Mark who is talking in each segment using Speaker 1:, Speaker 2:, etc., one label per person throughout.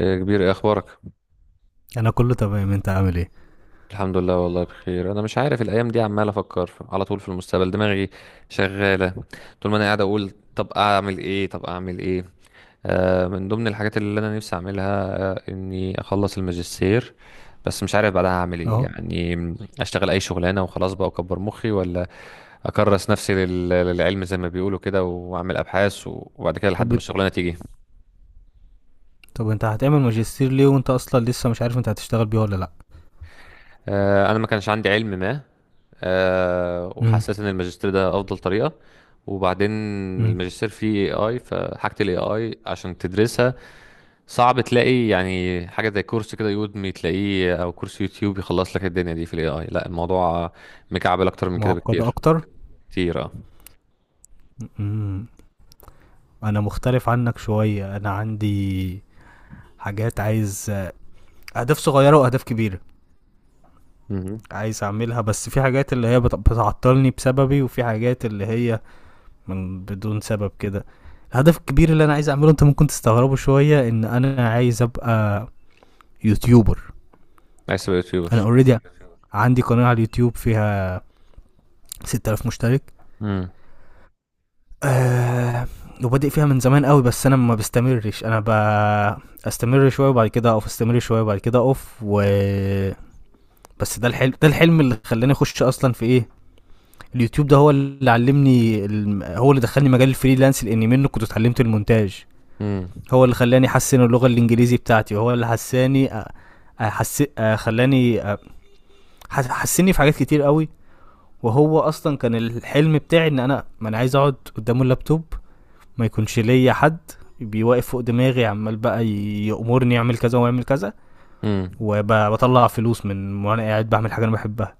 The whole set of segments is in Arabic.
Speaker 1: إيه كبير، إيه اخبارك؟
Speaker 2: انا كله تمام، انت عامل ايه؟
Speaker 1: الحمد لله، والله بخير. انا مش عارف، الايام دي عمال افكر على طول في المستقبل، دماغي شغاله. طول ما انا قاعد اقول طب اعمل ايه، طب اعمل ايه. من ضمن الحاجات اللي انا نفسي اعملها، اني اخلص الماجستير، بس مش عارف بعدها اعمل ايه
Speaker 2: اهو.
Speaker 1: يعني. اشتغل اي شغلانه وخلاص بقى واكبر مخي، ولا اكرس نفسي للعلم زي ما بيقولوا كده واعمل ابحاث، وبعد كده
Speaker 2: طب
Speaker 1: لحد ما الشغلانه تيجي.
Speaker 2: طب انت هتعمل ماجستير ليه وانت اصلا لسه مش عارف انت هتشتغل بيه ولا لا؟
Speaker 1: انا ما كانش عندي علم ما،
Speaker 2: امم
Speaker 1: وحسيت ان الماجستير ده افضل طريقه. وبعدين
Speaker 2: امم.
Speaker 1: الماجستير فيه AI، فحاجه الاي اي عشان تدرسها صعب تلاقي يعني حاجه زي كورس كده يودمي تلاقيه، او كورس يوتيوب يخلص لك الدنيا دي في الاي اي. لا الموضوع مكعبل اكتر من كده
Speaker 2: معقده
Speaker 1: بكتير.
Speaker 2: اكتر.
Speaker 1: كتير، اه.
Speaker 2: امم. انا مختلف عنك شويه، انا عندي حاجات عايز، اهداف صغيره واهداف كبيره
Speaker 1: امم.
Speaker 2: عايز اعملها، بس في حاجات اللي هي بتعطلني بسببي وفي حاجات اللي هي من بدون سبب كده. الهدف الكبير اللي انا عايز اعمله انت ممكن تستغربه شويه، ان انا عايز ابقى يوتيوبر.
Speaker 1: عايز تبقى
Speaker 2: انا
Speaker 1: يوتيوبر.
Speaker 2: اوريدي عندي قناه على اليوتيوب فيها 6000 مشترك.
Speaker 1: امم.
Speaker 2: آه. وبادئ فيها من زمان قوي، بس انا ما بستمرش، استمر شويه وبعد كده اقف، استمر شويه وبعد كده اقف. و بس ده الحلم، ده الحلم اللي خلاني اخش اصلا في ايه، اليوتيوب. ده هو اللي علمني هو اللي دخلني مجال الفريلانس، لان منه كنت اتعلمت المونتاج.
Speaker 1: امم.
Speaker 2: هو اللي خلاني احسن اللغه الانجليزي بتاعتي، وهو اللي حساني خلاني حسني في حاجات كتير قوي. وهو اصلا كان الحلم بتاعي، ان انا ما انا عايز اقعد قدام اللابتوب، ما يكونش ليا حد بيوقف فوق دماغي عمال بقى يأمرني اعمل كذا واعمل كذا،
Speaker 1: امم.
Speaker 2: وبطلع فلوس من وانا قاعد بعمل حاجه انا بحبها.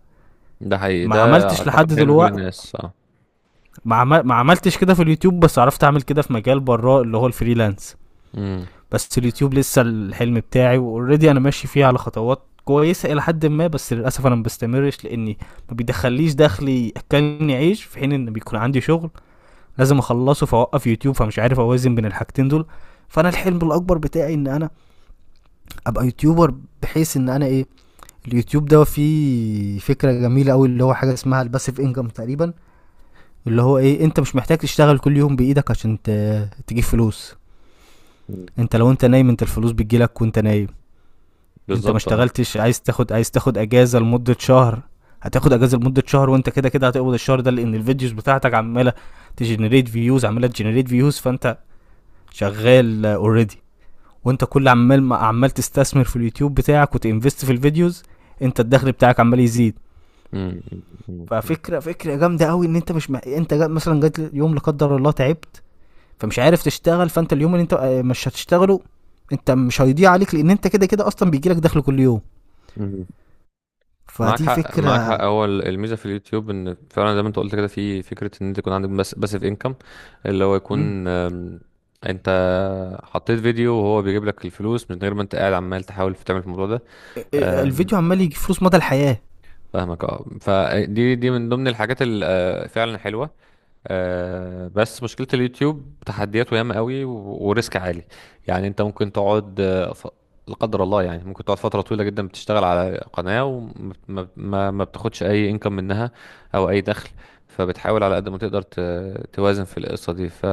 Speaker 1: ده حقيقي
Speaker 2: ما
Speaker 1: ده.
Speaker 2: عملتش لحد
Speaker 1: اعتقد حلم كل
Speaker 2: دلوقتي.
Speaker 1: الناس، اه.
Speaker 2: ما عملتش كده في اليوتيوب، بس عرفت اعمل كده في مجال براه اللي هو الفريلانس.
Speaker 1: امم.
Speaker 2: بس اليوتيوب لسه الحلم بتاعي، واوريدي انا ماشي فيه على خطوات كويسه الى حد ما، بس للاسف انا ما بستمرش لاني ما بيدخليش دخلي ياكلني عيش، في حين ان بيكون عندي شغل لازم اخلصه فاوقف يوتيوب، فمش عارف اوازن بين الحاجتين دول. فانا الحلم الاكبر بتاعي ان انا ابقى يوتيوبر، بحيث ان انا ايه، اليوتيوب ده فيه فكره جميله قوي اللي هو حاجه اسمها الباسيف انجم تقريبا، اللي هو ايه، انت مش محتاج تشتغل كل يوم بايدك عشان تجيب فلوس. انت لو انت نايم، انت الفلوس بتجيلك وانت نايم. انت ما
Speaker 1: بالظبط، اه.
Speaker 2: اشتغلتش، عايز تاخد، عايز تاخد اجازه لمده شهر، هتاخد اجازه لمده شهر، وانت كده كده هتقبض الشهر ده، لان الفيديوز بتاعتك عماله تجنريت فيوز، عماله تجنريت فيوز، فانت شغال اوريدي. وانت كل عمال ما عمال تستثمر في اليوتيوب بتاعك وتنفست في الفيديوز، انت الدخل بتاعك عمال يزيد. ففكره، فكره جامده قوي ان انت مش م... انت جا... مثلا جات يوم لا قدر الله تعبت، فمش عارف تشتغل، فانت اليوم اللي انت مش هتشتغله، انت مش هيضيع عليك، لان انت كده كده اصلا بيجي لك دخل كل يوم.
Speaker 1: امم. معاك
Speaker 2: فدي
Speaker 1: حق، معاك
Speaker 2: فكره.
Speaker 1: حق. هو الميزه في اليوتيوب ان فعلا زي ما انت قلت كده، في فكره ان انت يكون عندك بس باسيف انكم، اللي هو
Speaker 2: مم.
Speaker 1: يكون، انت حطيت فيديو وهو بيجيب لك الفلوس من غير ما انت قاعد عمال تحاول في تعمل في الموضوع ده. أم،
Speaker 2: الفيديو عمال يجي فلوس مدى الحياه.
Speaker 1: فاهمك، اه. فدي من ضمن الحاجات فعلا حلوه. بس مشكلة اليوتيوب تحدياته ياما قوي و- وريسك عالي. يعني انت ممكن تقعد، لا قدر الله، يعني ممكن تقعد فترة طويلة جدا بتشتغل على قناة وما ما ما- ما بتاخدش اي انكم منها، او اي دخل. فبتحاول على قد ما تقدر توازن في القصة دي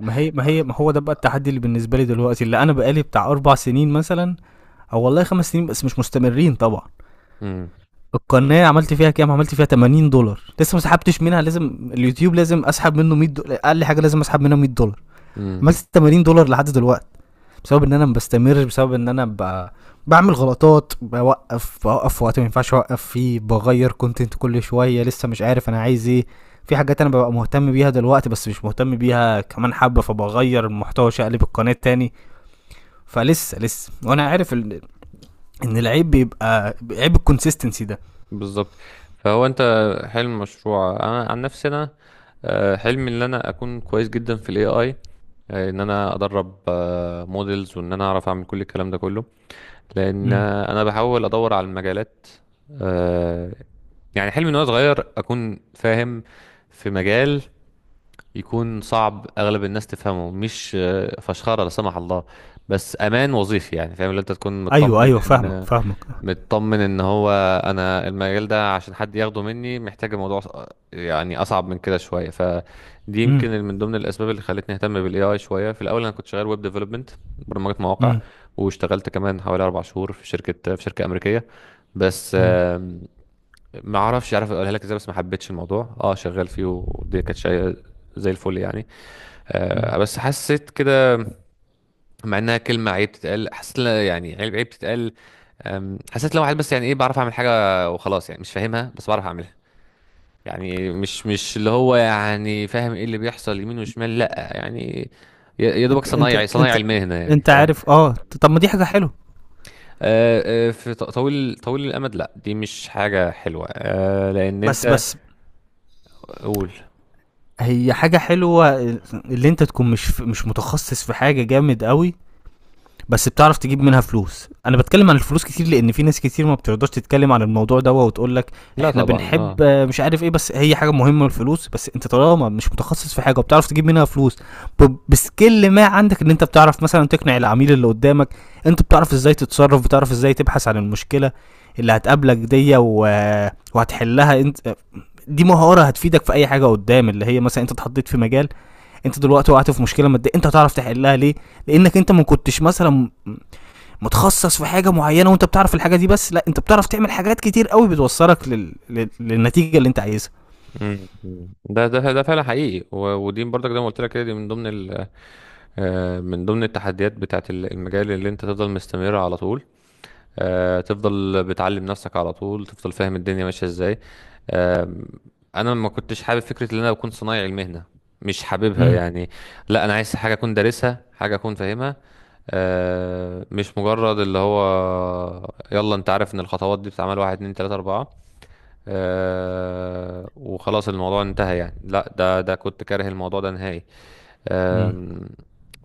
Speaker 2: ما هو ده بقى التحدي اللي بالنسبه لي دلوقتي، اللي انا بقالي بتاع اربع سنين مثلا، او والله خمس سنين، بس مش مستمرين طبعا.
Speaker 1: مم.
Speaker 2: القناه عملت فيها كام، عملت فيها $80. لسه ما سحبتش منها، لازم اليوتيوب، لازم اسحب منه $100 اقل حاجه، لازم اسحب منها $100.
Speaker 1: مم.
Speaker 2: عملت $80 لحد دلوقتي، بسبب ان انا ما بستمرش، بسبب ان انا ب... بعمل غلطات، بوقف، بوقف في وقت ما ينفعش اوقف فيه، بغير كونتنت كل شويه، لسه مش عارف انا عايز ايه. في حاجات انا ببقى مهتم بيها دلوقتي بس مش مهتم بيها كمان حبه، فبغير المحتوى، اقلب القناه تاني. فلسه وانا عارف ان العيب بيبقى عيب الكونسيستنسي ده.
Speaker 1: بالظبط. فهو انت، حلم مشروع، انا عن نفسي انا، حلمي ان انا اكون كويس جدا في الاي اي، ان انا ادرب موديلز، وان انا اعرف اعمل كل الكلام ده كله، لان
Speaker 2: م.
Speaker 1: انا بحاول ادور على المجالات. آه، يعني حلمي ان انا صغير اكون فاهم في مجال يكون صعب اغلب الناس تفهمه. مش فشخره لا سمح الله، بس امان وظيفي يعني. فاهم؟ اللي انت تكون
Speaker 2: ايوه،
Speaker 1: مطمن
Speaker 2: ايوه، فاهمك،
Speaker 1: ان
Speaker 2: فاهمك.
Speaker 1: مطمن ان هو انا المجال ده عشان حد ياخده مني محتاج الموضوع، يعني اصعب من كده شويه. فدي
Speaker 2: امم
Speaker 1: يمكن من ضمن الاسباب اللي خلتني اهتم بالاي اي شويه. في الاول انا كنت شغال ويب ديفلوبمنت، برمجه مواقع،
Speaker 2: امم
Speaker 1: واشتغلت كمان حوالي 4 شهور في شركه امريكيه. بس
Speaker 2: امم.
Speaker 1: ما اعرفش عارف اقولها لك ازاي، بس ما حبيتش الموضوع اه شغال فيه، ودي كانت شيء زي الفل يعني.
Speaker 2: أمم.
Speaker 1: بس حسيت كده، مع انها كلمه عيب تتقال، حسيت يعني عيب، عيب تتقال. حسيت لو واحد بس يعني ايه، بعرف اعمل حاجه وخلاص يعني، مش فاهمها بس بعرف اعملها، يعني مش اللي هو يعني فاهم ايه اللي بيحصل يمين وشمال. لا يعني يا دوبك
Speaker 2: انت انت
Speaker 1: صنايعي
Speaker 2: انت
Speaker 1: صنايعي المهنه يعني،
Speaker 2: انت
Speaker 1: فاهم.
Speaker 2: عارف، اه طب ما دي حاجه حلوه.
Speaker 1: أه، أه، في طويل، طويل الامد لا، دي مش حاجه حلوه، لان
Speaker 2: بس
Speaker 1: انت،
Speaker 2: بس
Speaker 1: قول.
Speaker 2: هي حاجه حلوه اللي انت تكون مش متخصص في حاجه جامد قوي، بس بتعرف تجيب منها فلوس. انا بتكلم عن الفلوس كتير، لان في ناس كتير ما بترضاش تتكلم عن الموضوع ده، وتقول لك
Speaker 1: لا
Speaker 2: احنا
Speaker 1: طبعا،
Speaker 2: بنحب
Speaker 1: اه.
Speaker 2: مش عارف ايه، بس هي حاجه مهمه الفلوس. بس انت طالما مش متخصص في حاجه وبتعرف تجيب منها فلوس، بسكيل ما عندك، ان انت بتعرف مثلا تقنع العميل اللي قدامك، انت بتعرف ازاي تتصرف، بتعرف ازاي تبحث عن المشكله اللي هتقابلك دي وهتحلها انت. دي مهاره هتفيدك في اي حاجه قدام، اللي هي مثلا انت اتحطيت في مجال، انت دلوقتي وقعت في مشكله ماديه، انت هتعرف تحلها ليه؟ لانك انت ما كنتش مثلا متخصص في حاجه معينه وانت بتعرف الحاجه دي بس، لا انت بتعرف تعمل حاجات كتير قوي بتوصلك للنتيجه اللي انت عايزها.
Speaker 1: مم. ده فعلا حقيقي، و- ودي برضك زي ما قلت لك كده، دي من ضمن، من ضمن التحديات بتاعت المجال، اللي انت تفضل مستمر على طول، تفضل بتعلم نفسك على طول، تفضل فاهم الدنيا ماشية ازاي. آه، انا ما كنتش حابب فكرة ان انا اكون صنايعي المهنة، مش حاببها
Speaker 2: امم.
Speaker 1: يعني. لا انا عايز حاجة اكون دارسها، حاجة اكون فاهمها، مش مجرد اللي هو يلا انت عارف ان الخطوات دي بتتعمل واحد اتنين تلاتة اربعة، وخلاص الموضوع انتهى يعني. لا ده كنت كاره الموضوع ده نهائي.
Speaker 2: امم.
Speaker 1: آم،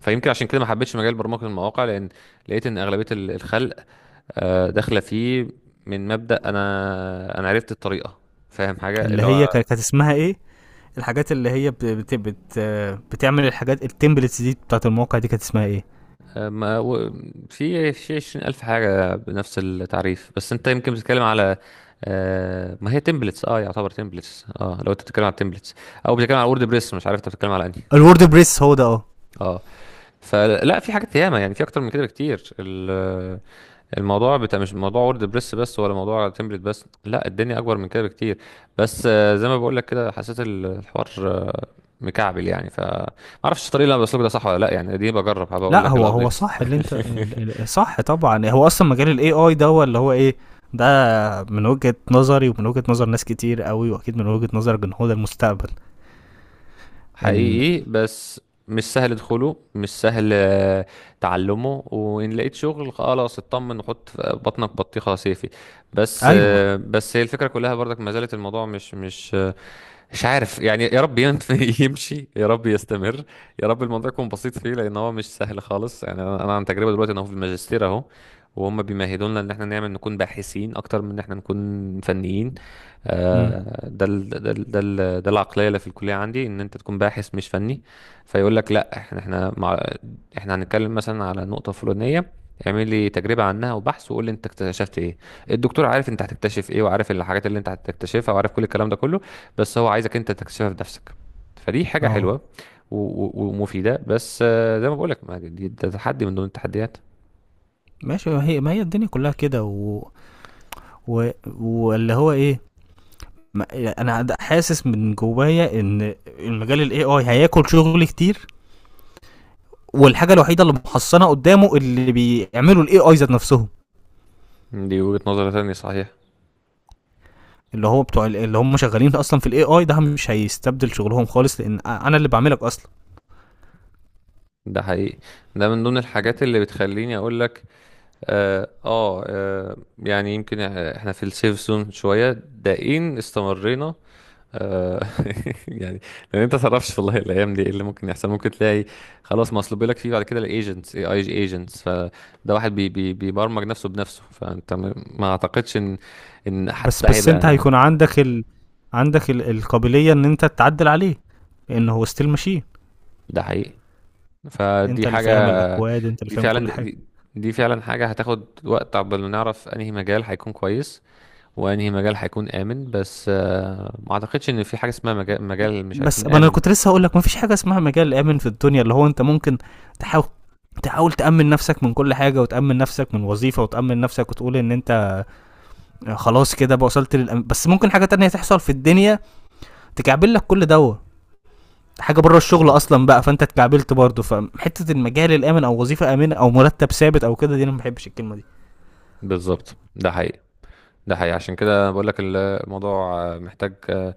Speaker 1: فيمكن عشان كده ما حبيتش مجال برمجة المواقع، لأن لقيت إن أغلبية الخلق داخلة فيه من مبدأ أنا عرفت الطريقة، فاهم حاجة
Speaker 2: اللي
Speaker 1: اللي
Speaker 2: هي
Speaker 1: هو،
Speaker 2: كانت اسمها ايه، الحاجات اللي هي بتعمل الحاجات التمبلتس دي بتاعت المواقع دي كانت اسمها ايه؟
Speaker 1: آه، ما و- في 20,000 حاجة بنفس التعريف، بس أنت يمكن بتتكلم على، ما هي تمبلتس اه، يعتبر تمبلتس اه، لو انت بتتكلم على تمبلتس، او بتتكلم على وورد بريس، مش عارف انت بتتكلم على انهي.
Speaker 2: الورد بريس هو ده، اه.
Speaker 1: اه، فلا في حاجات ياما يعني، في اكتر من كده بكتير. الموضوع بتاع مش موضوع وورد بريس بس، ولا موضوع تمبلت بس، لا الدنيا اكبر من كده بكتير. بس زي ما بقول لك كده، حسيت الحوار مكعبل يعني، ف ما اعرفش الطريقه اللي انا بسلكه ده صح ولا لا يعني. دي بجرب، هبقى اقول
Speaker 2: لا
Speaker 1: لك
Speaker 2: هو هو
Speaker 1: الابديت.
Speaker 2: صح، اللي انت صح طبعا. هو اصلا مجال الاي اي ده هو اللي هو ايه ده، من وجهة نظري ومن وجهة نظر ناس كتير قوي، واكيد من وجهة نظر جمهور المستقبل، ان
Speaker 1: حقيقي، بس مش سهل دخوله، مش سهل تعلمه، وإن لقيت شغل خلاص اطمن وحط في بطنك بطيخة صيفي. بس
Speaker 2: ايوه.
Speaker 1: بس هي الفكرة كلها برضك ما زالت الموضوع مش مش عارف يعني. يا رب يمشي، يا رب يستمر، يا رب الموضوع يكون بسيط فيه، لأن هو مش سهل خالص يعني. أنا عن تجربة دلوقتي، أنا هو في الماجستير أهو، وهم بيمهدونا إن احنا نكون باحثين أكتر من إن احنا نكون فنيين.
Speaker 2: امم.
Speaker 1: ده العقليه اللي في الكليه عندي، ان انت تكون باحث مش فني. فيقول لك لا، احنا مع، احنا هنتكلم مثلا على نقطه فلانيه، اعمل لي تجربه عنها وبحث وقول لي انت اكتشفت ايه. الدكتور عارف انت هتكتشف ايه، وعارف الحاجات اللي انت هتكتشفها، وعارف كل الكلام ده كله، بس هو عايزك انت تكتشفها بنفسك. فدي حاجه
Speaker 2: اه.
Speaker 1: حلوه و- و- ومفيده، بس زي ما بقول لك، ده تحدي من ضمن التحديات.
Speaker 2: ماشي. ما هي الدنيا كلها كده و... واللي هو ايه، ما... انا حاسس من جوايا ان المجال الاي اي هياكل شغل كتير، والحاجه الوحيده اللي محصنه قدامه اللي بيعملوا الاي اي ذات نفسهم،
Speaker 1: دي وجهه نظر تانية، صحيح.
Speaker 2: اللي هو بتوع اللي هم شغالين اصلا في الاي اي، ده مش هيستبدل شغلهم خالص، لان انا اللي بعملك اصلا.
Speaker 1: ده حقيقي، ده من ضمن الحاجات اللي بتخليني اقول لك، اه. يعني يمكن احنا في السيف زون شويه ده ان استمرينا، آه يعني. لان انت تعرفش والله الايام دي ايه اللي ممكن يحصل. ممكن تلاقي خلاص مصلوب لك فيه، بعد كده الايجنتس، اي اي ايجنتس، فده واحد بي بي بيبرمج نفسه بنفسه، فانت ما اعتقدش ان حتى
Speaker 2: بس
Speaker 1: ده
Speaker 2: بس انت
Speaker 1: هيبقى.
Speaker 2: هيكون عندك عندك ال... القابليه ان انت تعدل عليه، لان هو ستيل ماشين.
Speaker 1: ده حقيقي،
Speaker 2: انت
Speaker 1: فدي
Speaker 2: اللي
Speaker 1: حاجه.
Speaker 2: فاهم الاكواد، انت اللي
Speaker 1: دي
Speaker 2: فاهم
Speaker 1: فعلا،
Speaker 2: كل
Speaker 1: دي,
Speaker 2: حاجه.
Speaker 1: دي دي فعلا حاجه هتاخد وقت عقبال ما نعرف انهي مجال هيكون كويس، وانهي مجال هيكون امن. بس ما اعتقدش ان في حاجه اسمها مجال مش
Speaker 2: بس
Speaker 1: هيكون
Speaker 2: ما انا
Speaker 1: امن.
Speaker 2: كنت لسه هقول لك، ما فيش حاجه اسمها مجال امن في الدنيا. اللي هو انت ممكن تحاول تحاول تأمن نفسك من كل حاجة، وتأمن نفسك من وظيفة، وتأمن نفسك، وتقول إن أنت خلاص كده بقى وصلت بس ممكن حاجة تانية تحصل في الدنيا تكعبل لك كل دوا، حاجة بره الشغل
Speaker 1: بالظبط،
Speaker 2: أصلا بقى، فأنت اتكعبلت برضه. فحتة المجال الآمن أو وظيفة آمنة أو مرتب ثابت أو كده، دي أنا ما بحبش الكلمة دي.
Speaker 1: بالظبط، ده حقيقي. ده حقيقي، عشان كده بقول لك الموضوع محتاج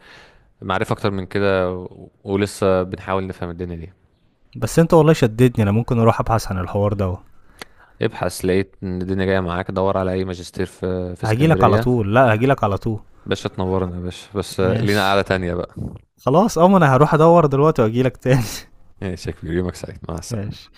Speaker 1: معرفه اكتر من كده، و- ولسه بنحاول نفهم الدنيا دي.
Speaker 2: بس أنت والله شددني، أنا ممكن أروح أبحث عن الحوار ده.
Speaker 1: ابحث، لقيت ان الدنيا جايه معاك. دور على اي ماجستير في
Speaker 2: هجيلك على
Speaker 1: اسكندريه.
Speaker 2: طول، لا هجيلك على طول.
Speaker 1: باشا تنورنا يا باشا، بس لينا قعده
Speaker 2: ماشي.
Speaker 1: تانية بقى.
Speaker 2: خلاص أه، ما أنا هروح أدور دلوقتي وأجيلك تاني.
Speaker 1: ماشي يا كبير، يومك سعيد، مع السلامه.
Speaker 2: ماشي.